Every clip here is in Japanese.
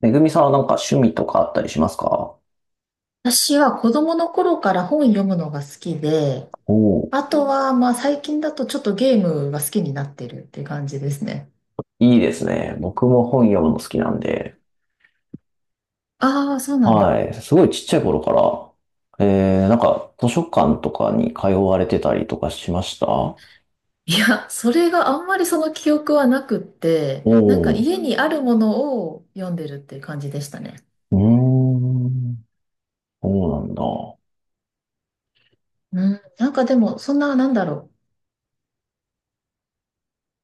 めぐみさんはなんか趣味とかあったりしますか？私は子供の頃から本読むのが好きで、おおあとはまあ最近だとちょっとゲームが好きになってるっていう感じですね。ー、いいですね。僕も本読むの好きなんで。ああ、そうなんはだ。い。すごいちっちゃい頃から、なんか図書館とかに通われてたりとかしましたお？いや、それがあんまりその記憶はなくって、なんかお家にあるものを読んでるっていう感じでしたね。ー、うーん、そうなんだ。うん、なんかでもそんな、なんだろ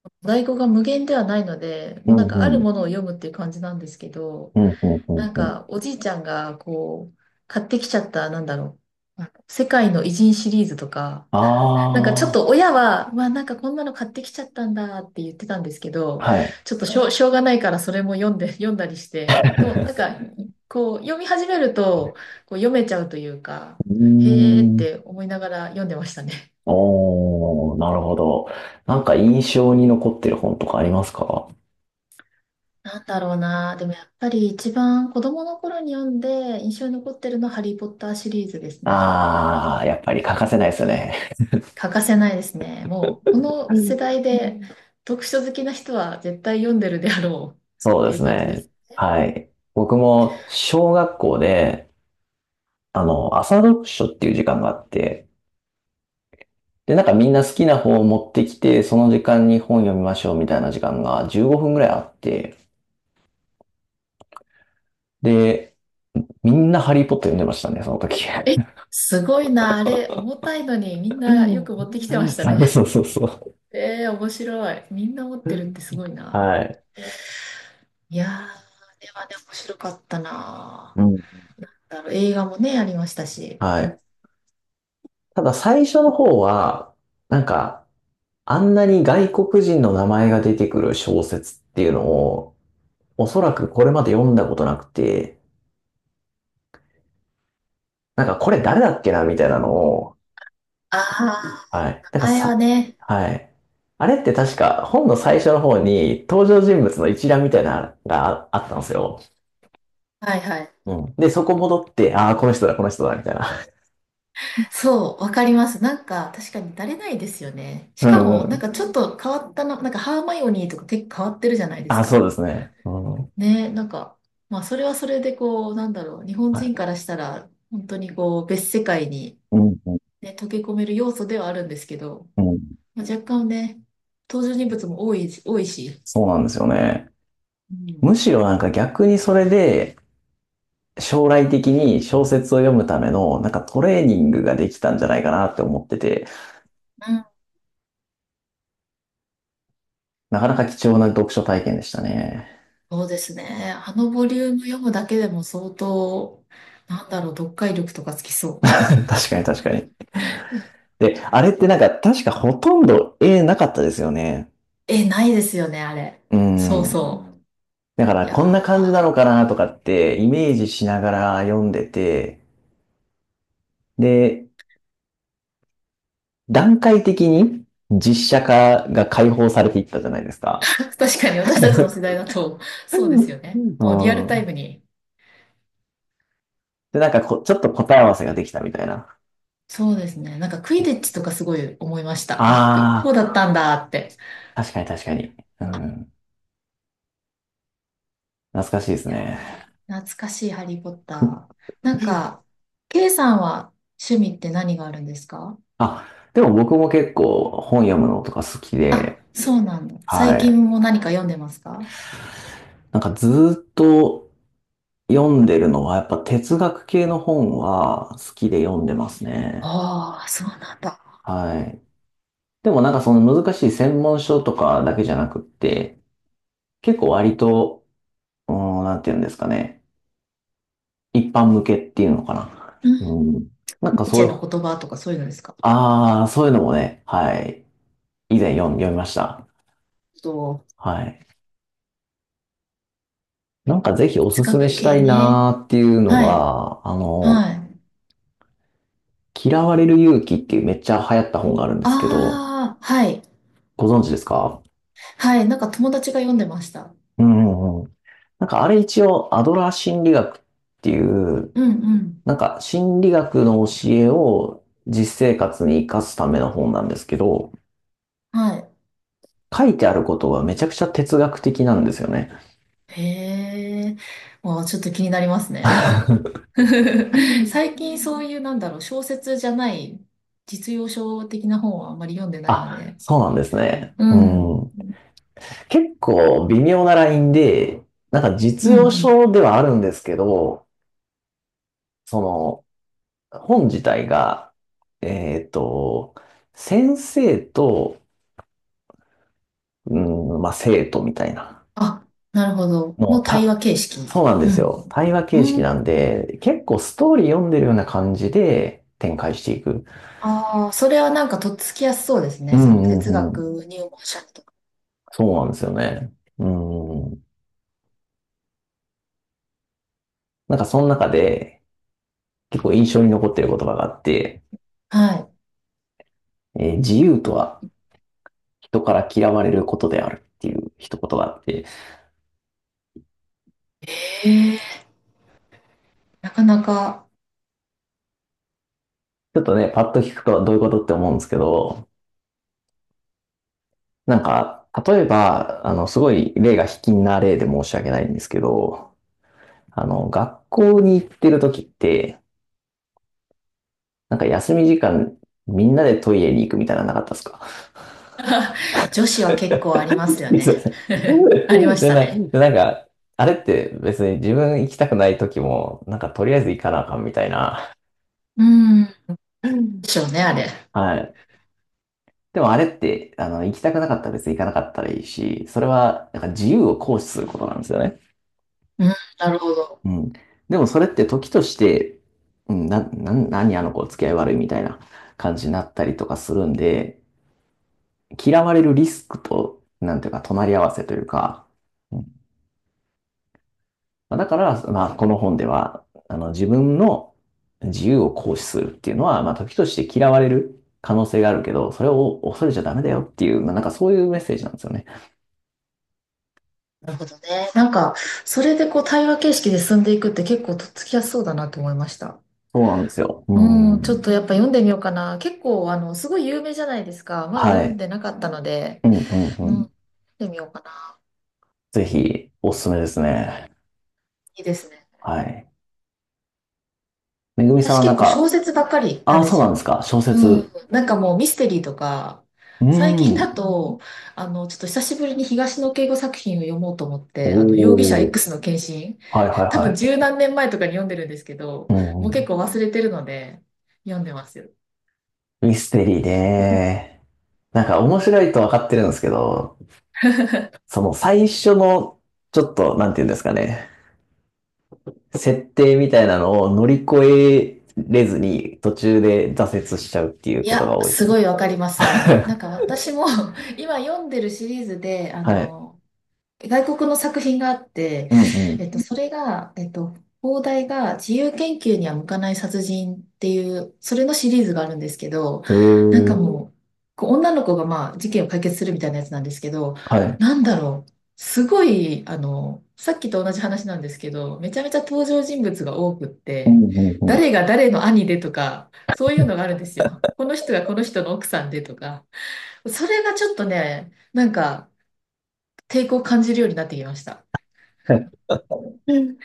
う。在庫が無限ではないので、うもうんなんかあうるん、ものを読むっていう感じなんですけど、うんうんうんなんんうん。かおじいちゃんがこう、買ってきちゃった、なんだろう。あの世界の偉人シリーズとか、あなんかちょっと親は、まあなんかこんなの買ってきちゃったんだって言ってたんですけど、あ、はい。ちょっとしょうがないからそれも読んで、読んだりして、で もなんか、こう読み始めると、こう読めちゃうというか、うーへーっん、て思いながら読んでましたね。おー、なるほど。なんか印象に残ってる本とかありますか？なんだろうな。でもやっぱり一番子供の頃に読んで印象に残ってるのはハリー・ポッターシリーズですね。ああー、やっぱり欠かせないですよね。欠かせないですね。もうこはの世い。代うでうん、読書好きな人は絶対読んでるであろうそっうてでいうす感じでね。す。はい。僕も小学校で、朝読書っていう時間があって、で、なんかみんな好きな本を持ってきて、その時間に本読みましょうみたいな時間が15分ぐらいあって、で、みんなハリーポッター読んでましたね、その時。え、すごいな、あれ、重たいのにみんうなよく持ん。ってきてまし たそね。うそうそうそう。えー、面白い。みんな持ってるってすごいはな。い。いやー、あれはね、面白かったうな。ん。だろう、映画もね、ありましたし。はうん、い。ただ最初の方は、なんか、あんなに外国人の名前が出てくる小説っていうのを、おそらくこれまで読んだことなくて、なんかこれ誰だっけなみたいなのを、あはい。あ、なんか前はさ、ね、はい。あれって確か本の最初の方に登場人物の一覧みたいなのがああったんですよ。はいはい。うん。で、そこ戻って、ああ、この人だ、この人だ、みたいな。そう、わかります。なんか、確かに慣れないですよね。しうかんも、うなんん。かちょっと変わったの、なんかハーマイオニーとか結構変わってるじゃないですあ、そうか。ですね。うん。はい。ね、なんか、まあ、それはそれでこう、なんだろう、日本人からしたら、本当にこう、別世界に、うん、うん、ね、溶け込める要素ではあるんですけど、うん。まあ、若干ね、登場人物も多い、多いし、そうなんですよね。うん、むしろなんか逆にそれで、将来的に小説を読むための、なんかトレーニングができたんじゃないかなって思ってて。うん、なかなか貴重な読書体験でしたね。そうですね。あのボリューム読むだけでも相当、なんだろう、読解力とかつきそ 確かに確かに。う。うん、で、あれってなんか確かほとんど絵なかったですよね。え、ないですよね、あれ。うそうん。そだかう。らいやこんな感じなー、のかなとかってイメージしながら読んでて、で、段階的に実写化が解放されていったじゃないですか。確かに私たちの世 代だと、そうですよね。うもうリアルタイん。ムに。で、なんかちょっと答え合わせができたみたいな。そうですね。なんかクイディッチとかすごい思いました。あ、クイあこうだっあ、たんだって。確かに確かに。うん。懐かしいですいね。やー、懐かしいハリー・ポッター。なんか、ケイさんは趣味って何があるんですか？あ、でも僕も結構本読むのとか好きあ、で、そうなんだ。最はい。近も何か読んでますか？なんかずーっと読んでるのはやっぱ哲学系の本は好きで読んでますね。ああー、そうなんだ。はい。でもなんかその難しい専門書とかだけじゃなくって、結構割と、うーん、なんて言うんですかね。一般向けっていうのかな。うん。うん。なんニかーそチうェいのう、言葉とかそういうのですか？ああ、そういうのもね、はい。以前読みました。そう。はい。なんかぜひおすす哲め学した系いね。なーっていうのはい。が、はい。嫌われる勇気っていうめっちゃ流行った本があるんですけど、ああ、はい。ご存知ですか？はい。なんか友達が読んでました。うんうんうん。なんかあれ一応アドラー心理学っていう、うんうん。なんか心理学の教えを実生活に活かすための本なんですけど、はい。書いてあることがめちゃくちゃ哲学的なんですよね。へえ。もうちょっと気になりますね。最近そういう、なんだろう、小説じゃない、実用書的な本はあんまり読んでないのあ、で。そうなんですね。ううん。ん。結構微妙なラインで、なんかうん、実用うん。書ではあるんですけど、その、本自体が、えっと、先生と、うん、まあ、生徒みたいな。あ、なるほど。のもう、対話形式。そうなんでうすよ。ん。対話形式うなん。んで、結構ストーリー読んでるような感じで展開していく。ああ、それはなんかとっつきやすそうですうね。そのんう哲んうん。学入門者とか。そうなんですよね。うん。なんかその中で結構印象に残ってる言葉があって、は自由とは人から嫌われることであるっていう一言があって、い。なかなか。ちょっとね、パッと聞くとどういうことって思うんですけど、なんか、例えば、すごい例が卑近な例で申し訳ないんですけど、学校に行ってる時って、なんか休み時間、みんなでトイレに行くみたいなのなかったですか？ 女子 は結構ありますよすね。いません。ありま したね。でなんか、あれって別に自分行きたくない時も、なんかとりあえず行かなあかんみたいな。うん。でしょうね、あれ。はい。でもあれって、行きたくなかったら別に行かなかったらいいし、それは、なんか自由を行使することなんですよね。うん、なるほど。うん。でもそれって時として、うん、何あの子付き合い悪いみたいな感じになったりとかするんで、嫌われるリスクと、なんていうか、隣り合わせというか、うんまあだから、まあ、この本では、自分の自由を行使するっていうのは、まあ、時として嫌われる可能性があるけど、それを恐れちゃダメだよっていう、まあ、なんかそういうメッセージなんですよね。なるほどね。なんか、それでこう対話形式で進んでいくって結構とっつきやすそうだなと思いました。そうなんですよ。ううん、ちょん。っとやっぱ読んでみようかな。結構、あの、すごい有名じゃないですか。まだは読んい。でなかったので、うん、うん、うん、う読ん。んでみようかな。ぜひ、おすすめですね。いいですね。はい。めぐみさん私はなん結構小か、説ばっかりなあんあ、でそうすなんですよ。か。小うん。説。なんかもうミステリーとか、うー最近だん。と、あの、ちょっと久しぶりに東野圭吾作品を読もうと思って、あの、容疑者 おお。X の献身、はいはい 多分は十何年前とかに読んでるんですけど、い。うもんううん。結構忘れてるので、読んでますよ。ミステリーね。なんか面白いと分かってるんですけど、その最初の、ちょっと、なんて言うんですかね。設定みたいなのを乗り越えれずに途中で挫折しちゃうっていういことや、が多いですすね。ごいわかります、それも。なんか 私も 今読んでるシリーズで、あはい。の、外国の作品があって、うんうん。えっと、それが、えっと、放題が自由研究には向かない殺人っていう、それのシリーズがあるんですけど、へなんかえ。もう、こう女の子がまあ事件を解決するみたいなやつなんですけど、はい。なんだろう、すごい、あの、さっきと同じ話なんですけど、めちゃめちゃ登場人物が多くっうんて、うん誰が誰の兄でとか、そういうのがあるんですよ。この人がこの人の奥さんでとか、それがちょっとね、なんか抵抗を感じるようになってきました。うん。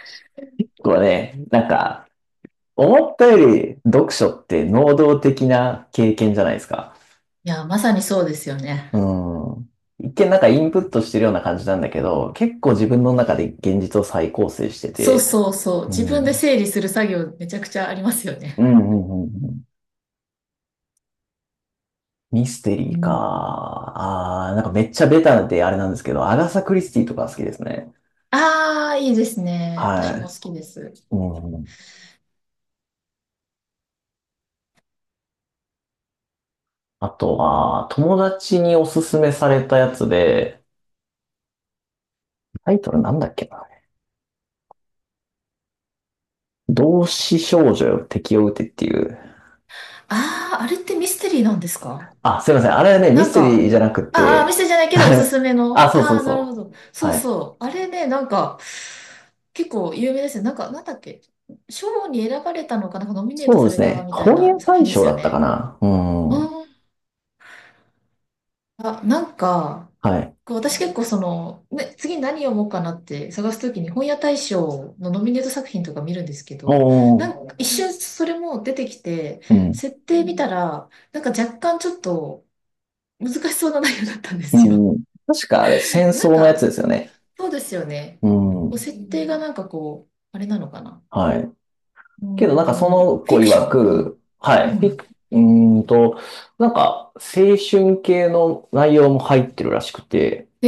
これね、なんか、思ったより読書って能動的な経験じゃないですか。いや、まさにそうですよね。うん。一見なんかインプットしてるような感じなんだけど、結構自分の中で現実を再構成してそうて、そうそう。う自ん。う分でん整理する作業めちゃくちゃありますようね。んうんうんミステうリーか。ん。あー、なんかめっちゃベタであれなんですけど、アガサ・クリスティとか好きですね。ああ、いいですね。私もは好きです。い。うん。あとは、友達におすすめされたやつで、タイトルなんだっけな。同志少女よ敵を撃てっていう、ああ、あれってミステリーなんですか？あ、すいません。あれはね、ミなスんテリか、ーじゃなくあー、あミスて、 テリーじゃないけ どおすすめあ、の。そうそうああ、そなるほど。う。そうはい。そう。あれね、なんか、結構有名ですよ。なんか、なんだっけ。賞に選ばれたのかな、なんかノミネートそうさでれすたね。みたい本屋な作大品で賞すよだったかね。な。うん。うん。あ、なんか、はい。こう私結構その、ね、次何読もうかなって探すときに本屋大賞のノミネート作品とか見るんですけど、なおー。んか一瞬それも出てきて、うん。設定見たら、なんか若干ちょっと難しそうな内容だったんですよ。うん。確かあれ、戦争なんのやつか、ですよね。そうですよね。うこうん。設定がなんかこう、あれなのかな。はい。うーけどなんかそのん、フ子ィクショ曰ン。く、はうい。ん。うフィん。クうーんと、なんか青春系の内容も入ってるらしくて、へ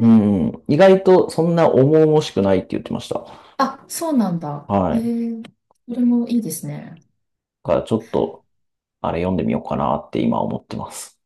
うん。意外とそんな重々しくないって言ってました。あ、そうなんだ。はへい。だえ、それもいいですね。からちょっと、あれ読んでみようかなって今思ってます。